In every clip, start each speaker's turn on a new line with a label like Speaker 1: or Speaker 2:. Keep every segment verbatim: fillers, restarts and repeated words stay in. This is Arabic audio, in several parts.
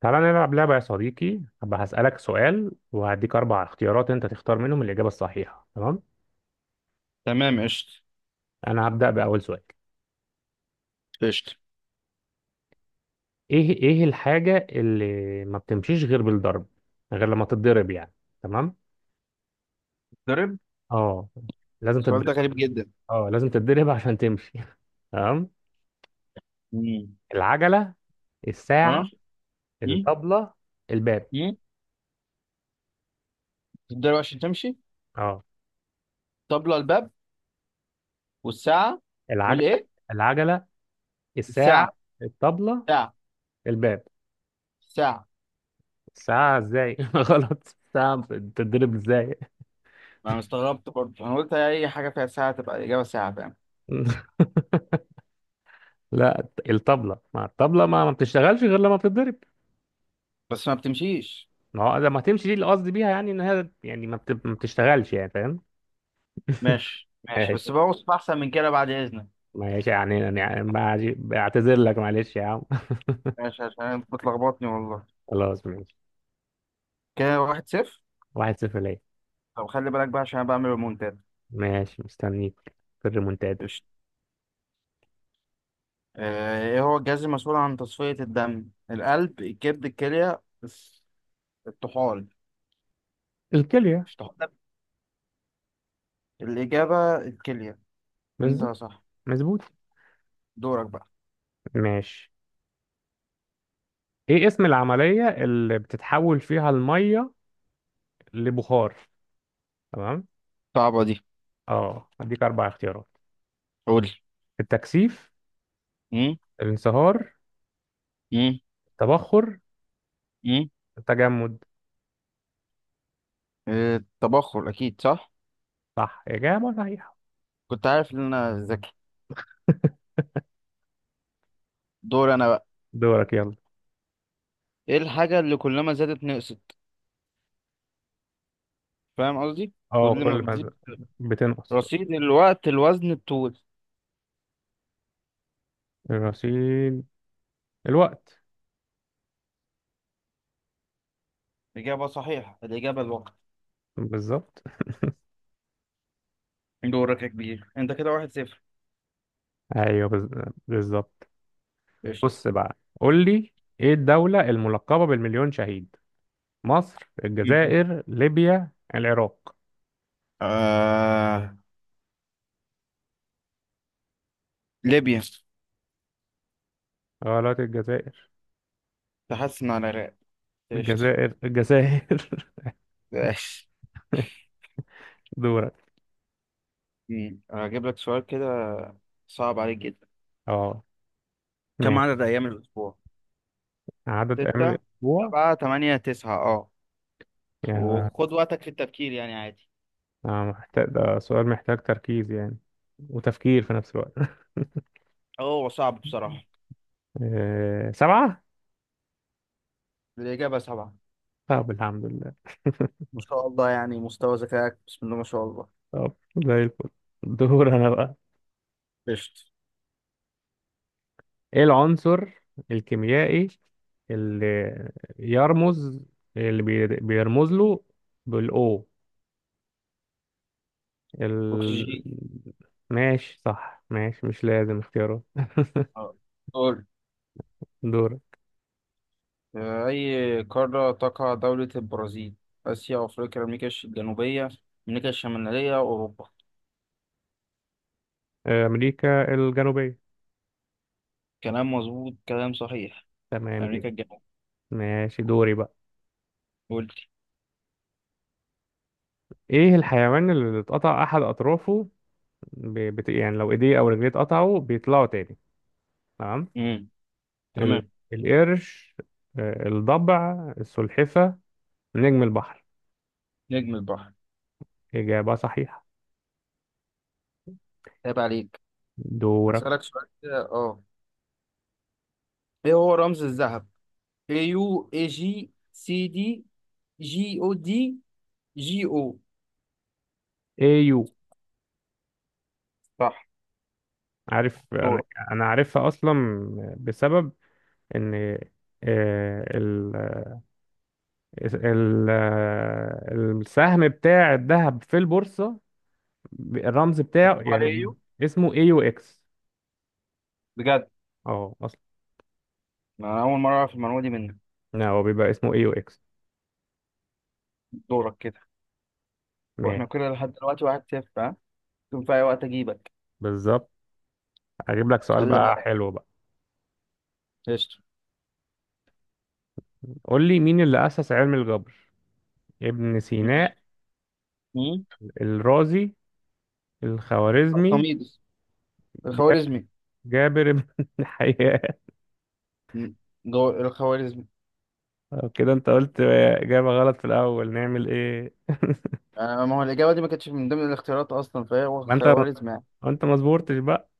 Speaker 1: تعالى نلعب لعبة يا صديقي، هبقى هسألك سؤال وهديك أربع اختيارات، أنت تختار منهم الإجابة الصحيحة. تمام،
Speaker 2: تمام، قشطة.
Speaker 1: أنا هبدأ بأول سؤال.
Speaker 2: قشطة.
Speaker 1: إيه إيه الحاجة اللي ما بتمشيش غير بالضرب، غير لما تتضرب يعني؟ تمام.
Speaker 2: ضرب.
Speaker 1: أه لازم
Speaker 2: السؤال ده
Speaker 1: تتضرب.
Speaker 2: غريب جدا.
Speaker 1: أه لازم تتضرب عشان تمشي. تمام.
Speaker 2: مم.
Speaker 1: العجلة، الساعة،
Speaker 2: اه. مم.
Speaker 1: الطبلة، الباب.
Speaker 2: مم. تتضرب عشان تمشي.
Speaker 1: أه.
Speaker 2: طبلة الباب والساعة
Speaker 1: العجلة.
Speaker 2: والايه
Speaker 1: العجلة، الساعة،
Speaker 2: الساعة.
Speaker 1: الطبلة،
Speaker 2: ساعة.
Speaker 1: الباب.
Speaker 2: ساعة.
Speaker 1: الساعة إزاي؟ غلط. الساعة بتتضرب إزاي؟
Speaker 2: انا استغربت برضه، انا قلت اي حاجة فيها ساعة تبقى الإجابة ساعة، فاهم.
Speaker 1: لا الطبلة. ما الطبلة ما, ما بتشتغلش غير لما بتتضرب.
Speaker 2: بس ما بتمشيش.
Speaker 1: ما هو لما تمشي دي اللي قصدي بيها، يعني ان هي يعني ما, بت... ما بتشتغلش يعني، فاهم؟
Speaker 2: ماشي ماشي،
Speaker 1: ماشي
Speaker 2: بس بوصف احسن من كده بعد اذنك.
Speaker 1: ماشي. يعني يعني بعج- بعتذر لك، معلش يا عم.
Speaker 2: ماشي، عشان أنت بتلخبطني والله.
Speaker 1: خلاص ماشي.
Speaker 2: كده واحد صفر.
Speaker 1: واحد صفر ليا.
Speaker 2: طب خلي بالك بقى، عشان انا بعمل ريمونتاد.
Speaker 1: ماشي مستنيك في الريمونتادا.
Speaker 2: قشطة. آه، ايه هو الجهاز المسؤول عن تصفية الدم؟ القلب، الكبد، الكلية، الطحال.
Speaker 1: الكلية.
Speaker 2: مش طح- الإجابة الكلية. أنت
Speaker 1: بالظبط.
Speaker 2: صح.
Speaker 1: مظبوط.
Speaker 2: دورك بقى.
Speaker 1: ماشي. ايه اسم العملية اللي بتتحول فيها المية لبخار؟ تمام.
Speaker 2: صعبة دي.
Speaker 1: اه هديك اربع اختيارات:
Speaker 2: قول.
Speaker 1: التكثيف،
Speaker 2: مم؟
Speaker 1: الانصهار،
Speaker 2: مم؟
Speaker 1: التبخر،
Speaker 2: مم؟
Speaker 1: التجمد.
Speaker 2: آه، التبخر أكيد صح.
Speaker 1: صح إجابة صحيحة.
Speaker 2: كنت عارف إن أنا ذكي. دور أنا بقى.
Speaker 1: دورك يلا.
Speaker 2: إيه الحاجة اللي كلما زادت نقصت؟ فاهم قصدي؟
Speaker 1: اه
Speaker 2: كل ما
Speaker 1: كل
Speaker 2: بتزيد
Speaker 1: دورك. ما بتنقص.
Speaker 2: رصيد، الوقت، الوزن، الطول.
Speaker 1: الرصيد، الوقت.
Speaker 2: إجابة صحيحة، الإجابة الوقت.
Speaker 1: بالظبط.
Speaker 2: دورك يا كبير، أنت كده واحد صفر.
Speaker 1: ايوه بز- بالظبط.
Speaker 2: قشطة.
Speaker 1: بص بقى قول لي، ايه الدولة الملقبة بالمليون شهيد؟ مصر،
Speaker 2: مم.
Speaker 1: الجزائر، ليبيا، العراق.
Speaker 2: آه... ليبيا.
Speaker 1: غلط، الجزائر.
Speaker 2: تحسن على العراق. قشطة.
Speaker 1: الجزائر الجزائر.
Speaker 2: ماشي.
Speaker 1: دورك.
Speaker 2: مم. هجيب لك سؤال كده، صعب عليك جدا.
Speaker 1: اه
Speaker 2: كم
Speaker 1: ماشي.
Speaker 2: عدد أيام الأسبوع؟
Speaker 1: عدد ايام
Speaker 2: ستة،
Speaker 1: الاسبوع؟
Speaker 2: سبعة، تمانية، تسعة، اه.
Speaker 1: يا.
Speaker 2: وخد وقتك في التفكير يعني، عادي.
Speaker 1: آه، محتاج، ده سؤال محتاج تركيز يعني وتفكير في نفس الوقت.
Speaker 2: هو صعب بصراحة.
Speaker 1: آه، سبعة.
Speaker 2: الإجابة سبعة.
Speaker 1: طب الحمد لله.
Speaker 2: ما شاء الله، يعني مستوى ذكائك، بسم الله ما شاء الله.
Speaker 1: طب زي الفل. دور انا بقى.
Speaker 2: قشطة.
Speaker 1: ايه العنصر الكيميائي اللي يرمز، اللي بي- بيرمز له بالاو ال...؟
Speaker 2: أكسجين.
Speaker 1: ماشي صح، ماشي مش لازم اختياره.
Speaker 2: اه، قول.
Speaker 1: دور.
Speaker 2: في أي قارة تقع دولة البرازيل؟ آسيا، أفريقيا، أمريكا الجنوبية، أمريكا الشمالية، أوروبا.
Speaker 1: امريكا الجنوبية.
Speaker 2: كلام مظبوط، كلام صحيح.
Speaker 1: تمام
Speaker 2: أمريكا
Speaker 1: جدا.
Speaker 2: الجنوبية.
Speaker 1: ماشي دوري بقى.
Speaker 2: قلت.
Speaker 1: ايه الحيوان اللي اتقطع احد اطرافه، ب... بت... يعني لو ايديه او رجليه اتقطعوا بيطلعوا تاني؟ تمام.
Speaker 2: امم.
Speaker 1: ال...
Speaker 2: تمام.
Speaker 1: القرش، آه، الضبع، السلحفة، نجم البحر.
Speaker 2: نجم البحر.
Speaker 1: إجابة صحيحة.
Speaker 2: عيب عليك.
Speaker 1: دورك.
Speaker 2: هسألك سؤال كده، اه. ايه هو رمز الذهب؟ اي يو، اي جي، سي دي، جي او دي، جي او.
Speaker 1: أيو.
Speaker 2: صح.
Speaker 1: عارف أنا.
Speaker 2: دورك.
Speaker 1: أنا عارفها أصلا، بسبب إن آه، ال... ال... آه، السهم بتاع الذهب في البورصة، الرمز بتاعه
Speaker 2: مكتوب عليه،
Speaker 1: يعني،
Speaker 2: ايوه.
Speaker 1: اسمه أيو إكس.
Speaker 2: بجد؟
Speaker 1: أه أصلا.
Speaker 2: انا اول مره اعرف المعلومه دي منك.
Speaker 1: لا هو بيبقى اسمه أيو إكس.
Speaker 2: دورك كده. واحنا
Speaker 1: ماشي.
Speaker 2: كده لحد دلوقتي واحد صفر، ها؟ ممكن في اي وقت اجيبك.
Speaker 1: بالظبط. أجيب لك سؤال
Speaker 2: خلي
Speaker 1: بقى
Speaker 2: بالك.
Speaker 1: حلو بقى.
Speaker 2: قشطة.
Speaker 1: قول لي، مين اللي أسس علم الجبر؟ ابن سينا،
Speaker 2: مم.
Speaker 1: الرازي، الخوارزمي،
Speaker 2: الخميس.
Speaker 1: جا-
Speaker 2: الخوارزمي.
Speaker 1: جابر بن حيان.
Speaker 2: م- جو... الخوارزمي.
Speaker 1: طب كده انت قلت إجابة غلط في الأول، نعمل ايه؟
Speaker 2: آه، ما هو الإجابة دي ما كانتش من ضمن الاختيارات أصلا، فهي هو
Speaker 1: ما انت
Speaker 2: خوارزمي يعني.
Speaker 1: ما انت ما صبرتش بقى.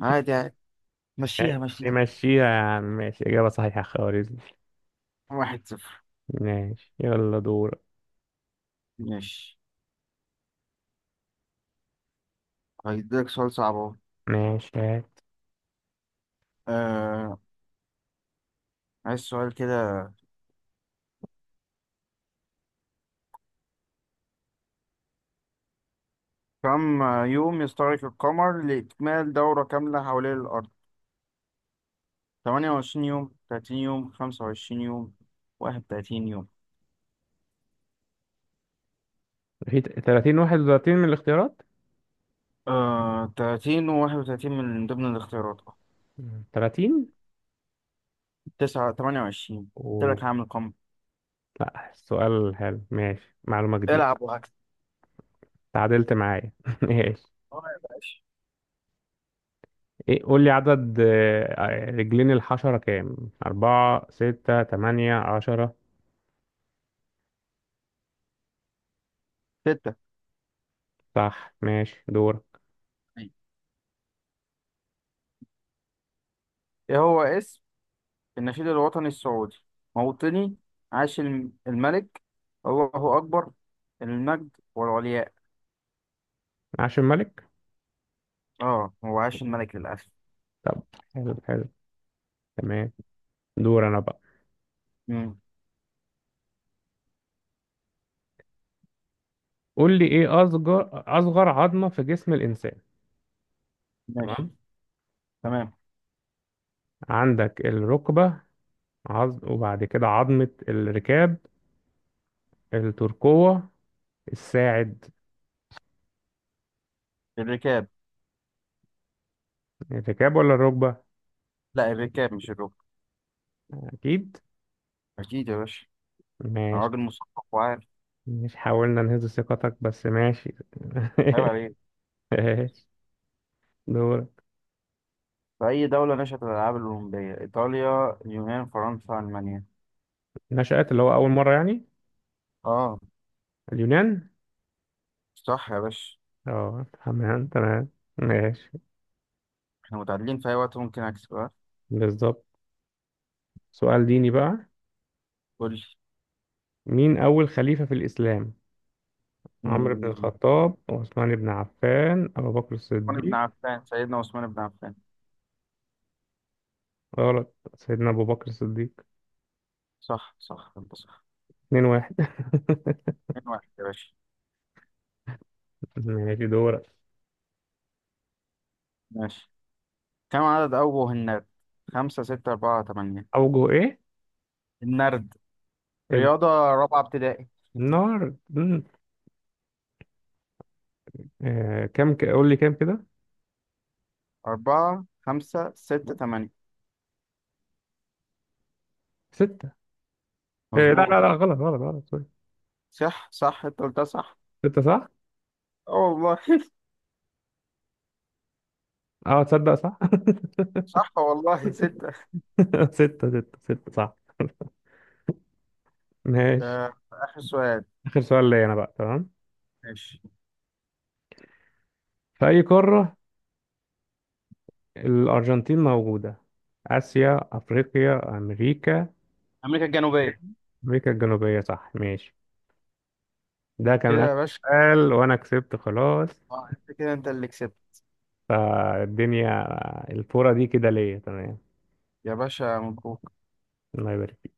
Speaker 2: عادي عادي. مشيها مشيها.
Speaker 1: نمشيها يا عم. ماشي إجابة صحيحة، خوارزمي.
Speaker 2: واحد صفر.
Speaker 1: ماشي يلا دور.
Speaker 2: ماشي. هيديلك سؤال صعب أهو.
Speaker 1: ماشي هات.
Speaker 2: آه، عايز سؤال كده. كم يوم يستغرق القمر لإكمال دورة كاملة حوالين الأرض؟ ثمانية وعشرين يوم، تلاتين يوم، خمسة وعشرين يوم، واحد وتلاتين يوم.
Speaker 1: في ثلاثين واحد وثلاثين من الاختيارات.
Speaker 2: آه تلاتين و واحد وتلاتين من ضمن الاختيارات.
Speaker 1: ثلاثين
Speaker 2: تسعة تمنية وعشرين. قلت
Speaker 1: و...
Speaker 2: لك هعمل قمر.
Speaker 1: لا السؤال حلو، ماشي معلومة جديدة.
Speaker 2: العب وهكذا.
Speaker 1: تعادلت معايا. ماشي.
Speaker 2: اه يا باشا.
Speaker 1: ايه، قول لي، عدد آه، رجلين الحشرة كام؟ أربعة، ستة، تمانية، عشرة.
Speaker 2: ستة.
Speaker 1: صح ماشي دور.
Speaker 2: طيب. إيه هو اسم النشيد الوطني السعودي؟ موطني، عاش الم- الملك، الله أكبر، المجد والعلياء.
Speaker 1: عاش الملك.
Speaker 2: آه، هو عاش الملك للأسف.
Speaker 1: طب حلو حلو. تمام. دور أنا بقى.
Speaker 2: مم.
Speaker 1: قول لي، ايه أصغر أصغر عظمة في جسم الإنسان؟
Speaker 2: ماشي.
Speaker 1: تمام.
Speaker 2: تمام.
Speaker 1: عندك الركبة، عظم، وبعد كده عظمة الركاب، الترقوة، الساعد.
Speaker 2: الركاب.
Speaker 1: الركاب ولا الركبة؟
Speaker 2: لا، الركاب مش الركب.
Speaker 1: أكيد.
Speaker 2: اكيد يا باشا. انا
Speaker 1: ماشي.
Speaker 2: راجل مثقف وعارف.
Speaker 1: مش حاولنا نهز ثقتك بس ماشي.
Speaker 2: عيب عليك.
Speaker 1: ماشي دور.
Speaker 2: في اي دوله نشأت الالعاب الاولمبيه؟ ايطاليا، اليونان، فرنسا، المانيا.
Speaker 1: نشأت، اللي هو أول مرة يعني.
Speaker 2: اه.
Speaker 1: اليونان.
Speaker 2: صح يا باشا.
Speaker 1: اه تمام تمام. ماشي.
Speaker 2: احنا متعادلين، في اي وقت ممكن اكسب، ها؟
Speaker 1: بالظبط. سؤال ديني بقى.
Speaker 2: قول لي.
Speaker 1: مين أول خليفة في الإسلام؟ عمرو بن
Speaker 2: مم،
Speaker 1: الخطاب، عثمان بن عفان، أبو بكر
Speaker 2: عثمان بن
Speaker 1: الصديق.
Speaker 2: عفان، سيدنا عثمان بن عفان.
Speaker 1: غلط، سيدنا أبو بكر الصديق.
Speaker 2: صح صح انت صح.
Speaker 1: اتنين واحد.
Speaker 2: اتنين واحد يا باشا.
Speaker 1: ماشي دورك.
Speaker 2: ماشي. كم عدد اوجه النرد؟ خمسة، ستة، أربعة، تمانية.
Speaker 1: أوجه إيه؟
Speaker 2: النرد، رياضة رابعة ابتدائي.
Speaker 1: النار. مم. آه كم ك... قول لي كام كده.
Speaker 2: أربعة، خمسة، ستة، تمانية.
Speaker 1: ستة. آه لا لا لا
Speaker 2: مظبوط.
Speaker 1: غلط غلط غلط، سوري.
Speaker 2: صح صح انت قلتها صح.
Speaker 1: ستة صح.
Speaker 2: اه والله.
Speaker 1: اه تصدق صح.
Speaker 2: صح والله ستة.
Speaker 1: ستة ستة ستة صح. ماشي.
Speaker 2: آه، آخر سؤال.
Speaker 1: آخر سؤال ليا أنا بقى، تمام.
Speaker 2: ماشي.
Speaker 1: في أي قارة الأرجنتين موجودة؟ آسيا، أفريقيا، أمريكا.
Speaker 2: امريكا الجنوبيه.
Speaker 1: أمريكا الجنوبية صح. ماشي، ده كان
Speaker 2: كده
Speaker 1: آخر
Speaker 2: يا باشا.
Speaker 1: سؤال وأنا كسبت خلاص.
Speaker 2: آه، انت كده انت اللي كسبت.
Speaker 1: آه، الدنيا، آه، الفورة دي كده ليا. تمام.
Speaker 2: يا باشا مبروك.
Speaker 1: الله يبارك.